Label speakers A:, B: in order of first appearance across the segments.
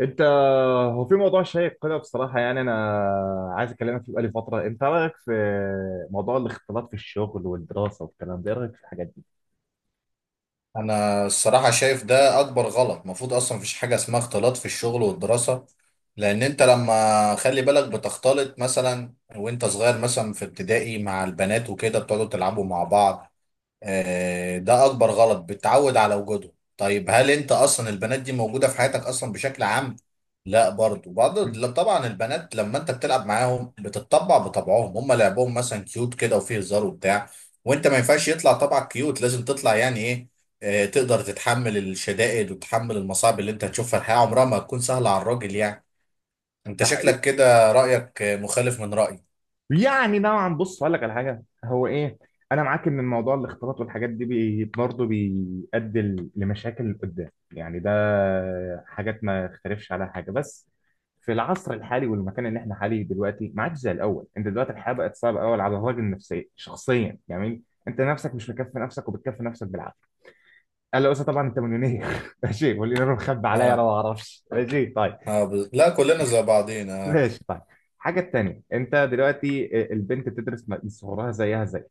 A: انت هو في موضوع شيق كده بصراحه، يعني انا عايز اكلمك فيه بقالي فتره. انت رايك في موضوع الاختلاط في الشغل والدراسه والكلام ده، ايه رايك في الحاجات دي؟
B: انا الصراحه شايف ده اكبر غلط. المفروض اصلا مفيش حاجه اسمها اختلاط في الشغل والدراسه، لان انت لما خلي بالك بتختلط مثلا وانت صغير مثلا في ابتدائي مع البنات وكده بتقعدوا تلعبوا مع بعض. ده اكبر غلط، بتعود على وجوده. طيب، هل انت اصلا البنات دي موجوده في حياتك اصلا بشكل عام؟ لا، برضو بعض.
A: مم.
B: لا، طبعا البنات لما انت بتلعب معاهم بتتطبع بطبعهم، هم لعبهم مثلا كيوت كده وفيه هزار وبتاع. وانت ما ينفعش يطلع طبعك كيوت، لازم تطلع يعني ايه، تقدر تتحمل الشدائد وتتحمل المصاعب اللي انت هتشوفها. الحياه عمرها ما هتكون سهله على الراجل يعني. انت
A: ده
B: شكلك كده رايك مخالف من رايي.
A: يعني نوعا، بص هقول لك على حاجه. هو ايه، انا معاك ان الموضوع الاختلاط والحاجات دي برضه بيؤدي لمشاكل قدام، يعني ده حاجات ما اختلفش عليها حاجه، بس في العصر الحالي والمكان اللي احنا حاليه دلوقتي ما عادش زي الاول. انت دلوقتي الحياه بقت صعبه قوي على الراجل نفسيا شخصيا، يعني انت نفسك مش مكفي نفسك، وبتكفي نفسك بالعافيه. قال له بس طبعا انت مليونير ماشي، واللي انا مخبي عليا انا
B: اه
A: ما اعرفش. ماشي طيب.
B: اه، لا، كلنا زي بعضينا.
A: ماشي طيب. الحاجه التانيه: انت دلوقتي البنت بتدرس من صغرها، زيها زي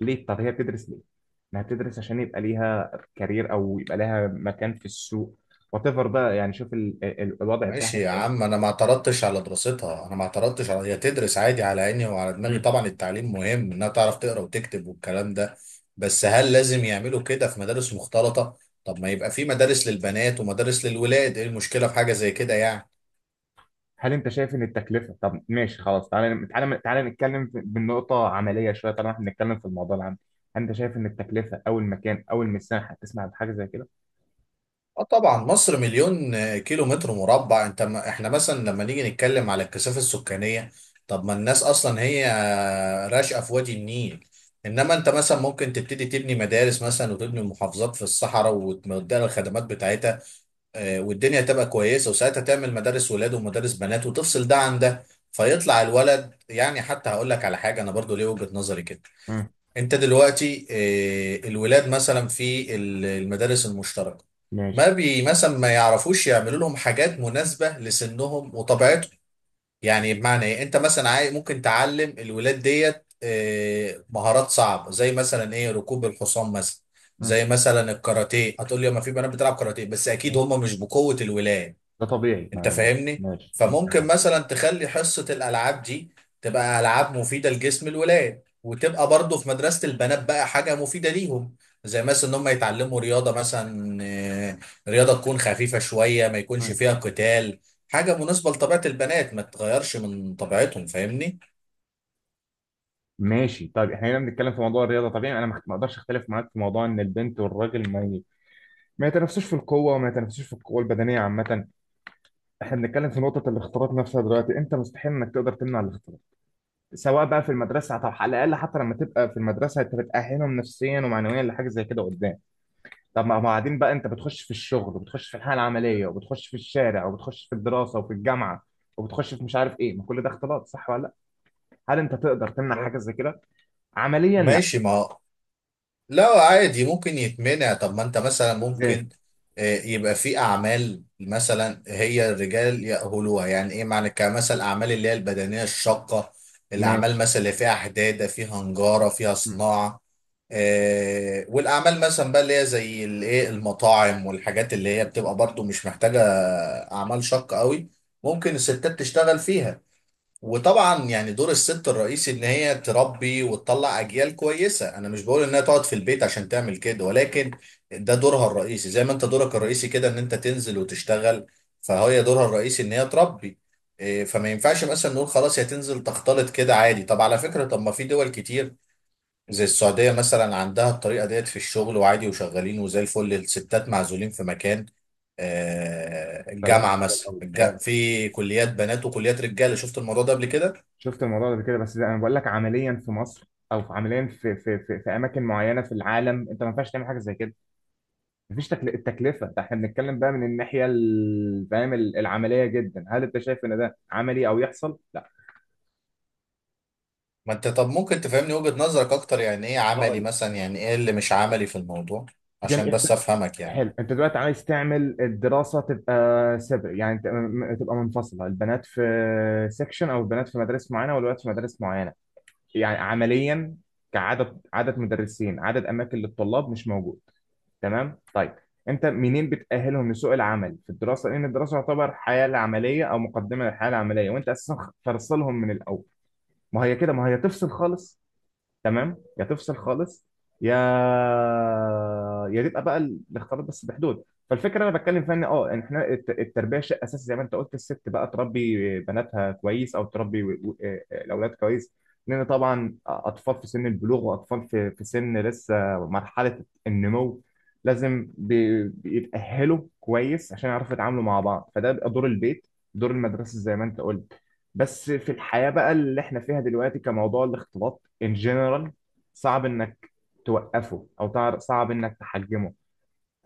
A: ليه؟ طب هي بتدرس ليه؟ انها بتدرس عشان يبقى ليها كارير، او يبقى لها مكان في السوق، وات ايفر بقى. يعني شوف الوضع بتاعها
B: ماشي يا
A: بيبقى ايه.
B: عم، انا ما اعترضتش على دراستها، انا ما اعترضتش على هي تدرس، عادي، على عيني وعلى دماغي.
A: مم.
B: طبعا التعليم مهم انها تعرف تقرا وتكتب والكلام ده. بس هل لازم يعملوا كده في مدارس مختلطة؟ طب ما يبقى في مدارس للبنات ومدارس للولاد، ايه المشكلة في حاجة زي كده يعني؟
A: هل انت شايف ان التكلفه؟ طب ماشي خلاص، تعالى تعالى تعالى نتكلم بالنقطه عمليه شويه طالما احنا بنتكلم في الموضوع العام. هل انت شايف ان التكلفه او المكان او المساحه تسمع بحاجه زي كده؟
B: اه طبعا، مصر مليون كيلو متر مربع. انت ما احنا مثلا لما نيجي نتكلم على الكثافه السكانيه، طب ما الناس اصلا هي راشقه في وادي النيل. انما انت مثلا ممكن تبتدي تبني مدارس مثلا وتبني محافظات في الصحراء وتديها الخدمات بتاعتها، والدنيا تبقى كويسه. وساعتها تعمل مدارس ولاد ومدارس بنات وتفصل ده عن ده، فيطلع الولد يعني. حتى هقول لك على حاجه، انا برضو ليه وجهه نظري كده.
A: مم.
B: انت دلوقتي الولاد مثلا في المدارس المشتركه، ما
A: ماشي.
B: بي مثلا ما يعرفوش يعملوا لهم حاجات مناسبة لسنهم وطبيعتهم. يعني بمعنى ايه، انت مثلا ممكن تعلم الولاد ديت مهارات صعبة، زي مثلا ايه، ركوب الحصان مثلا،
A: مم.
B: زي مثلا الكاراتيه. هتقول لي ما في بنات بتلعب كاراتيه، بس اكيد
A: ماشي.
B: هم مش بقوة الولاد.
A: ده طبيعي،
B: انت فاهمني.
A: ماشي، انت بتتكلم في
B: فممكن
A: حاجه زي
B: مثلا
A: كده.
B: تخلي حصة الالعاب دي تبقى العاب مفيدة لجسم الولاد، وتبقى برضو في مدرسة البنات بقى حاجة مفيدة ليهم، زي مثلا ان هم يتعلموا رياضة مثلا، رياضة تكون خفيفة شوية، ما يكونش
A: مم.
B: فيها قتال، حاجة مناسبة لطبيعة البنات، ما تتغيرش من طبيعتهم. فاهمني؟
A: ماشي طيب، احنا هنا بنتكلم في موضوع الرياضه، طبيعي انا ما اقدرش اختلف معاك في موضوع ان البنت والراجل ما ما يتنافسوش في القوه، وما يتنافسوش في القوه البدنيه عامه. احنا بنتكلم في نقطه الاختلاط نفسها دلوقتي، انت مستحيل انك تقدر تمنع الاختلاط سواء بقى في المدرسه. طب على الاقل حتى لما تبقى في المدرسه انت بتاهلهم نفسيا ومعنويا لحاجه زي كده قدام. طب ما بعدين بقى انت بتخش في الشغل، وبتخش في الحياه العمليه، وبتخش في الشارع، وبتخش في الدراسه وفي الجامعه، وبتخش في مش عارف ايه. ما كل ده اختلاط، صح ولا لا؟ هل انت تقدر تمنع
B: ما-
A: حاجه زي كده؟ عمليا لا.
B: ماشي، ما لا عادي ممكن يتمنع. طب ما انت مثلا
A: ازاي؟
B: ممكن يبقى في اعمال مثلا هي الرجال يأهلوها. يعني ايه معنى كمثل؟ الاعمال اللي هي البدنية الشاقة، الاعمال
A: ماشي.
B: مثلا اللي فيها حدادة، فيها نجارة، فيها
A: مم.
B: صناعة. والاعمال مثلا بقى اللي هي زي الايه، المطاعم والحاجات اللي هي بتبقى برضو مش محتاجة اعمال شاقة قوي، ممكن الستات تشتغل فيها. وطبعا يعني دور الست الرئيسي ان هي تربي وتطلع اجيال كويسه، انا مش بقول انها تقعد في البيت عشان تعمل كده، ولكن ده دورها الرئيسي، زي ما انت دورك الرئيسي كده ان انت تنزل وتشتغل. فهي دورها الرئيسي ان هي تربي. إيه، فما ينفعش مثلا نقول خلاص هي تنزل تختلط كده عادي. طب على فكره، طب ما في دول كتير زي السعوديه مثلا، عندها الطريقه ديت في الشغل، وعادي وشغالين وزي الفل. الستات معزولين في مكان،
A: فده
B: الجامعه
A: بالنسبة
B: مثلا
A: للأول.
B: في كليات بنات وكليات رجاله. شفت الموضوع ده قبل كده.
A: شفت الموضوع ده قبل كده، بس زي انا بقول لك، عمليا في مصر، او في عمليا في اماكن معينه في العالم، انت ما ينفعش تعمل حاجه زي كده. مفيش التكلفه ده. احنا بنتكلم بقى من فاهم، العمليه جدا، هل انت شايف ان ده عملي او يحصل لا؟
B: ما انت طب ممكن تفهمني وجهة نظرك اكتر؟ يعني ايه عملي
A: هقول.
B: مثلا، يعني ايه اللي مش عملي في الموضوع، عشان
A: انت،
B: بس افهمك يعني.
A: حلو، انت دلوقتي عايز تعمل الدراسه تبقى سيبري، يعني تبقى منفصله، البنات في سيكشن، او البنات في مدارس معينه والولاد في مدارس معينه. يعني عمليا، كعدد، عدد مدرسين عدد اماكن للطلاب مش موجود. تمام طيب. انت منين بتأهلهم لسوق العمل في الدراسه؟ لان الدراسه تعتبر حياه العمليه او مقدمه للحياه العمليه، وانت اساسا فرصلهم من الاول. ما هي كده، ما هي تفصل خالص. تمام، يا تفصل خالص، يا يا تبقى بقى الاختلاط بس بحدود. فالفكره انا بتكلم فيها ان اه، إن احنا التربيه شيء اساسي، زي ما انت قلت الست بقى تربي بناتها كويس، او تربي الاولاد كويس، لان طبعا اطفال في سن البلوغ، واطفال في سن لسه مرحله النمو، لازم بيتاهلوا كويس عشان يعرفوا يتعاملوا مع بعض. فده بيبقى دور البيت، دور المدرسه زي ما انت قلت. بس في الحياه بقى اللي احنا فيها دلوقتي، كموضوع الاختلاط ان جنرال، صعب انك توقفه او صعب انك تحجمه.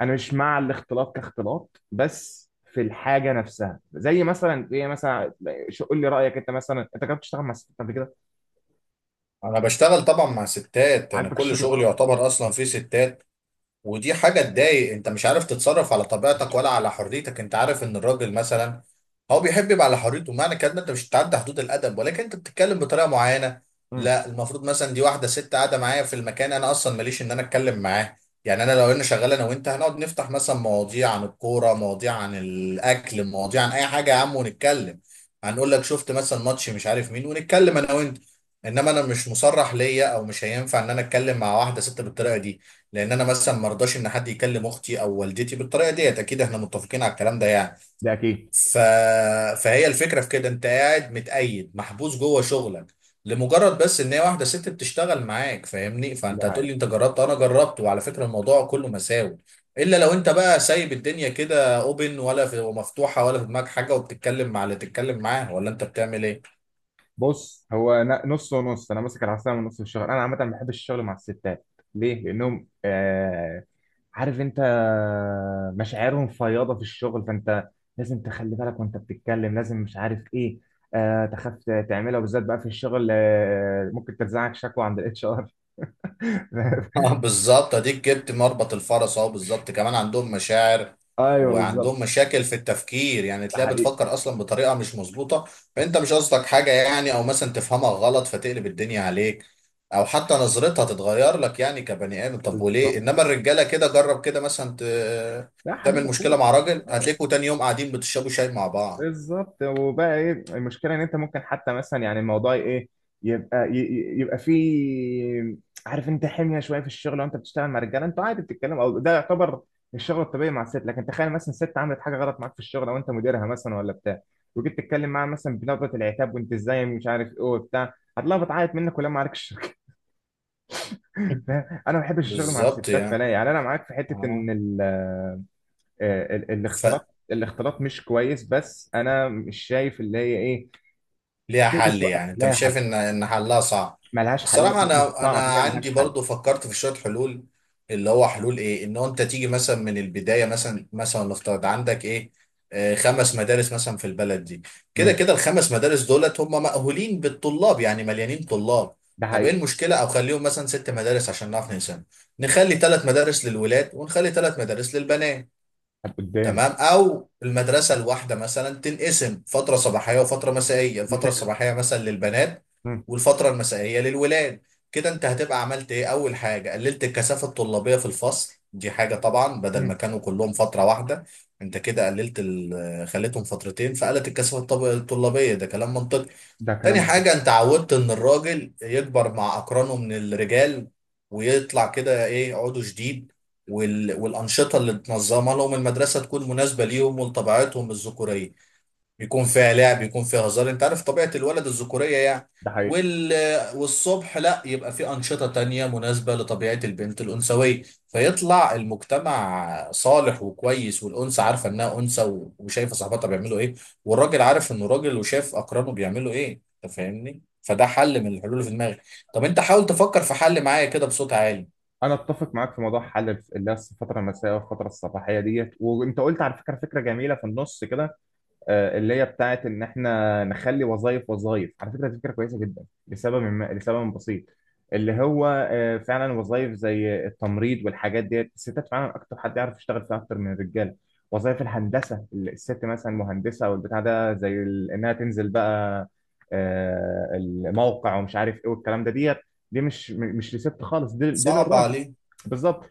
A: انا مش مع الاختلاط كاختلاط، بس في الحاجه نفسها، زي مثلا، زي مثلا قول لي رايك، انت مثلا انت جربت تشتغل مع ستات قبل كده؟
B: انا بشتغل طبعا مع ستات، انا
A: عاجبك
B: كل
A: الشغل
B: شغلي
A: معاهم؟
B: يعتبر اصلا فيه ستات، ودي حاجة تضايق. انت مش عارف تتصرف على طبيعتك ولا على حريتك. انت عارف ان الراجل مثلا هو بيحب يبقى على حريته. معنى كده إن انت مش بتعدي حدود الادب، ولكن انت بتتكلم بطريقة معينة.
A: امم.
B: لا، المفروض مثلا دي واحدة ست قاعدة معايا في المكان، انا اصلا ماليش ان انا اتكلم معاه. يعني انا لو انا شغال انا وانت، هنقعد نفتح مثلا مواضيع عن الكورة، مواضيع عن الاكل، مواضيع عن اي حاجة يا عم ونتكلم. هنقول لك شفت مثلا ماتش مش عارف مين، ونتكلم انا وانت. انما انا مش مصرح ليا، او مش هينفع ان انا اتكلم مع واحدة ست بالطريقة دي، لان انا مثلا ما ارضاش ان حد يكلم اختي او والدتي بالطريقه ديت. اكيد احنا متفقين على الكلام ده يعني.
A: ده اكيد.
B: ف... فهي الفكره في كده، انت قاعد متقيد محبوس جوه شغلك لمجرد بس ان هي واحده ست بتشتغل معاك. فاهمني؟
A: ده
B: فانت هتقول
A: حقيقي.
B: لي انت جربت، انا جربت، وعلى فكره الموضوع كله مساوي، الا لو انت بقى سايب الدنيا كده اوبن ولا في ومفتوحه، ولا في دماغك حاجه وبتتكلم مع اللي تتكلم معاه، ولا انت بتعمل ايه.
A: بص، هو نص ونص، انا ماسك العصايه من نص. الشغل انا عامه ما بحبش الشغل مع الستات. ليه؟ لانهم عارف انت، مشاعرهم فياضة في الشغل، فانت لازم تخلي بالك وانت بتتكلم، لازم مش عارف ايه، تخاف تعملها. وبالذات بقى في الشغل، ممكن ترزعك شكوى عند HR
B: آه، بالظبط، اديك جبت مربط الفرس اهو. بالظبط، كمان عندهم مشاعر
A: ايوه بالظبط.
B: وعندهم مشاكل في التفكير، يعني
A: ده
B: تلاقيها
A: حقيقي.
B: بتفكر اصلا بطريقه مش مظبوطه. فانت مش قصدك حاجه يعني، او مثلا تفهمها غلط فتقلب الدنيا عليك، او حتى نظرتها تتغير لك يعني كبني ادم. طب وليه؟
A: بالظبط.
B: انما الرجاله كده، جرب كده مثلا
A: لا حبيب
B: تعمل مشكله
A: اخوك.
B: مع راجل،
A: اه
B: هتلاقيكوا تاني يوم قاعدين بتشربوا شاي مع بعض.
A: بالظبط. وبقى ايه المشكله؟ ان انت ممكن حتى مثلا، يعني الموضوع ايه، يبقى يبقى فيه عارف انت حميه شويه في الشغل. وانت بتشتغل مع رجاله انتوا عادي بتتكلموا، او ده يعتبر الشغل الطبيعي. مع الست لكن تخيل مثلا ست عملت حاجه غلط معاك في الشغل، او انت مديرها مثلا ولا بتاع، وجيت تتكلم معاها مثلا بنبره العتاب، وانت ازاي مش عارف ايه وبتاع، هتلاقيها بتعيط منك ولا معاك الشركه انا ما بحبش الشغل مع
B: بالظبط
A: الستات،
B: يعني.
A: فلا. يعني انا معاك في حته
B: اه،
A: ان الاختلاط، الاختلاط مش كويس، بس انا مش شايف اللي هي ايه
B: ليها
A: تقدر
B: حل
A: توقف
B: يعني، انت
A: لها
B: مش
A: حل.
B: شايف ان حلها صعب؟
A: ملهاش، حقيقة
B: الصراحه
A: مش
B: انا
A: صعب، هي ملهاش
B: عندي
A: حل.
B: برضو فكرت في شويه حلول، اللي هو حلول ايه، ان هو انت تيجي مثلا من البدايه. مثلا نفترض عندك ايه، خمس مدارس مثلا في البلد دي، كده
A: ماشي.
B: كده الخمس مدارس دولت هم مأهولين بالطلاب، يعني مليانين طلاب.
A: ده
B: طب ايه
A: حقيقة.
B: المشكله، او خليهم مثلا ست مدارس عشان نعرف نقسم، نخلي ثلاث مدارس للولاد ونخلي ثلاث مدارس للبنات.
A: طب قدام.
B: تمام، او المدرسه الواحده مثلا تنقسم فتره صباحيه وفتره مسائيه،
A: دي
B: الفتره
A: فكرة.
B: الصباحيه مثلا للبنات
A: مم.
B: والفتره المسائيه للولاد. كده انت هتبقى عملت ايه؟ اول حاجه، قللت الكثافه الطلابيه في الفصل، دي حاجه طبعا، بدل ما
A: مم.
B: كانوا كلهم فتره واحده انت كده قللت خليتهم فترتين، فقلت الكثافه الطلابيه. ده كلام منطقي.
A: ده كلام
B: تاني
A: منطقي.
B: حاجة، انت عودت ان الراجل يكبر مع اقرانه من الرجال ويطلع كده ايه، عضو جديد. والانشطة اللي تنظمها لهم المدرسة تكون مناسبة ليهم ولطبيعتهم الذكورية، بيكون فيها لعب، بيكون فيها هزار. انت عارف طبيعة الولد الذكورية يعني.
A: ده حقيقة.
B: وال... والصبح لا، يبقى في أنشطة تانية مناسبة لطبيعة البنت الأنثوية. فيطلع المجتمع صالح وكويس، والأنثى عارفة إنها أنثى، وشايفة صاحبتها بيعملوا إيه، والراجل عارف إنه راجل وشايف أقرانه بيعملوا إيه. أنت فاهمني؟ فده حل من الحلول اللي في دماغي. طب أنت حاول تفكر في حل معايا كده بصوت عالي.
A: أنا أتفق معاك في موضوع حل اللي هي الفترة المسائية والفترة الصباحية ديت. وأنت قلت على فكرة، فكرة جميلة في النص كده، اللي هي بتاعت ان احنا نخلي وظائف. وظائف على فكره دي فكره كويسه جدا لسبب، ما لسبب بسيط، اللي هو فعلا وظائف زي التمريض والحاجات ديت، الستات فعلا اكتر حد يعرف يشتغل فيها اكتر من الرجاله. وظائف الهندسه، الست مثلا مهندسه او البتاع ده، زي انها تنزل بقى الموقع ومش عارف ايه والكلام ده ديت، دي مش مش لست خالص، دي
B: صعب
A: للراجل.
B: عليك؟
A: بالظبط.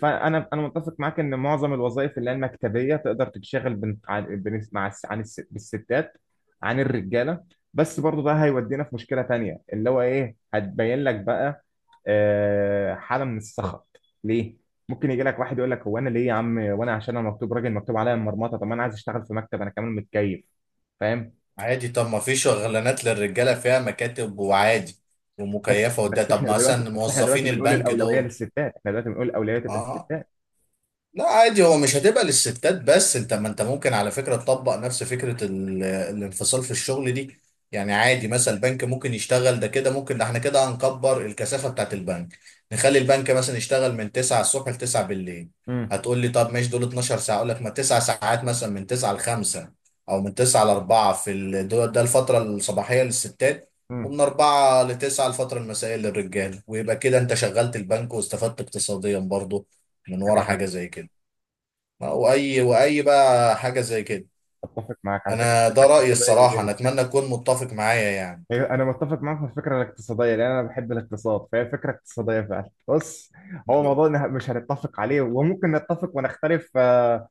A: فانا، انا متفق معاك ان معظم الوظائف اللي هي المكتبيه تقدر تتشغل بن... عن... بن... مع الس... عن الس... بالستات عن الرجاله. بس برضو ده هيودينا في مشكله تانية اللي هو ايه، هتبين لك بقى حاله من السخط. ليه؟ ممكن يجي لك واحد يقول لك: هو انا ليه يا عم؟ وانا عشان انا مكتوب راجل مكتوب عليا المرمطه؟ طب ما انا عايز اشتغل في مكتب، انا كمان متكيف فاهم.
B: عادي، طب ما في شغلانات للرجالة فيها مكاتب وعادي
A: بس
B: ومكيفة وده،
A: بس
B: طب
A: احنا دلوقتي
B: مثلا
A: بس احنا دلوقتي
B: موظفين
A: بنقول
B: البنك
A: الاولويه
B: دول.
A: للستات، احنا دلوقتي بنقول الاولويه تبقى
B: اه،
A: للستات.
B: لا عادي، هو مش هتبقى للستات بس، انت ما انت ممكن على فكرة تطبق نفس فكرة الانفصال في الشغل دي. يعني عادي مثلا البنك ممكن يشتغل ده كده، ممكن ده احنا كده هنكبر الكثافة بتاعت البنك. نخلي البنك مثلا يشتغل من 9 الصبح ل 9 بالليل.
A: امم.
B: هتقول لي طب ماشي، دول 12 ساعة، اقول لك ما 9 ساعات مثلا، من 9 ل 5 او من 9 ل 4 في ده الفترة الصباحية للستات،
A: امم.
B: ومن 4 ل 9 الفترة المسائية للرجال. ويبقى كده انت شغلت البنك، واستفدت اقتصاديا برضه من ورا
A: فكره
B: حاجة
A: حلوه.
B: زي كده. واي واي بقى حاجه زي كده.
A: اتفق معاك على فكره،
B: انا
A: فكره
B: ده رايي
A: اقتصاديه
B: الصراحه،
A: جميله
B: انا
A: جدا.
B: اتمنى تكون متفق معايا يعني.
A: أيوة، انا متفق معاك في الفكره الاقتصاديه لان انا بحب الاقتصاد، فهي فكره اقتصاديه فعلا. بص، هو
B: ب-
A: موضوع مش هنتفق عليه، وممكن نتفق ونختلف،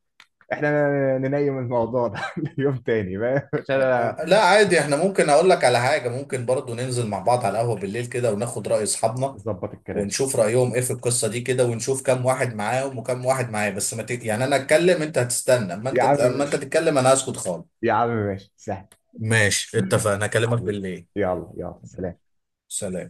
A: احنا ننيم الموضوع ده ليوم تاني بقى عشان أنا
B: لا عادي، احنا ممكن اقول لك على حاجه، ممكن برضو ننزل مع بعض على القهوه بالليل كده وناخد راي اصحابنا،
A: نظبط الكلام.
B: ونشوف رايهم ايه في القصه دي كده، ونشوف كام واحد معاهم وكام واحد معايا. بس ما ت... يعني انا اتكلم انت هتستنى، اما
A: يا
B: انت
A: عم
B: اما انت
A: ماشي،
B: تتكلم انا هسكت خالص.
A: يا عم ماشي سهل.
B: ماشي اتفقنا، اكلمك
A: حبيبي،
B: بالليل.
A: يلا يلا سلام.
B: سلام.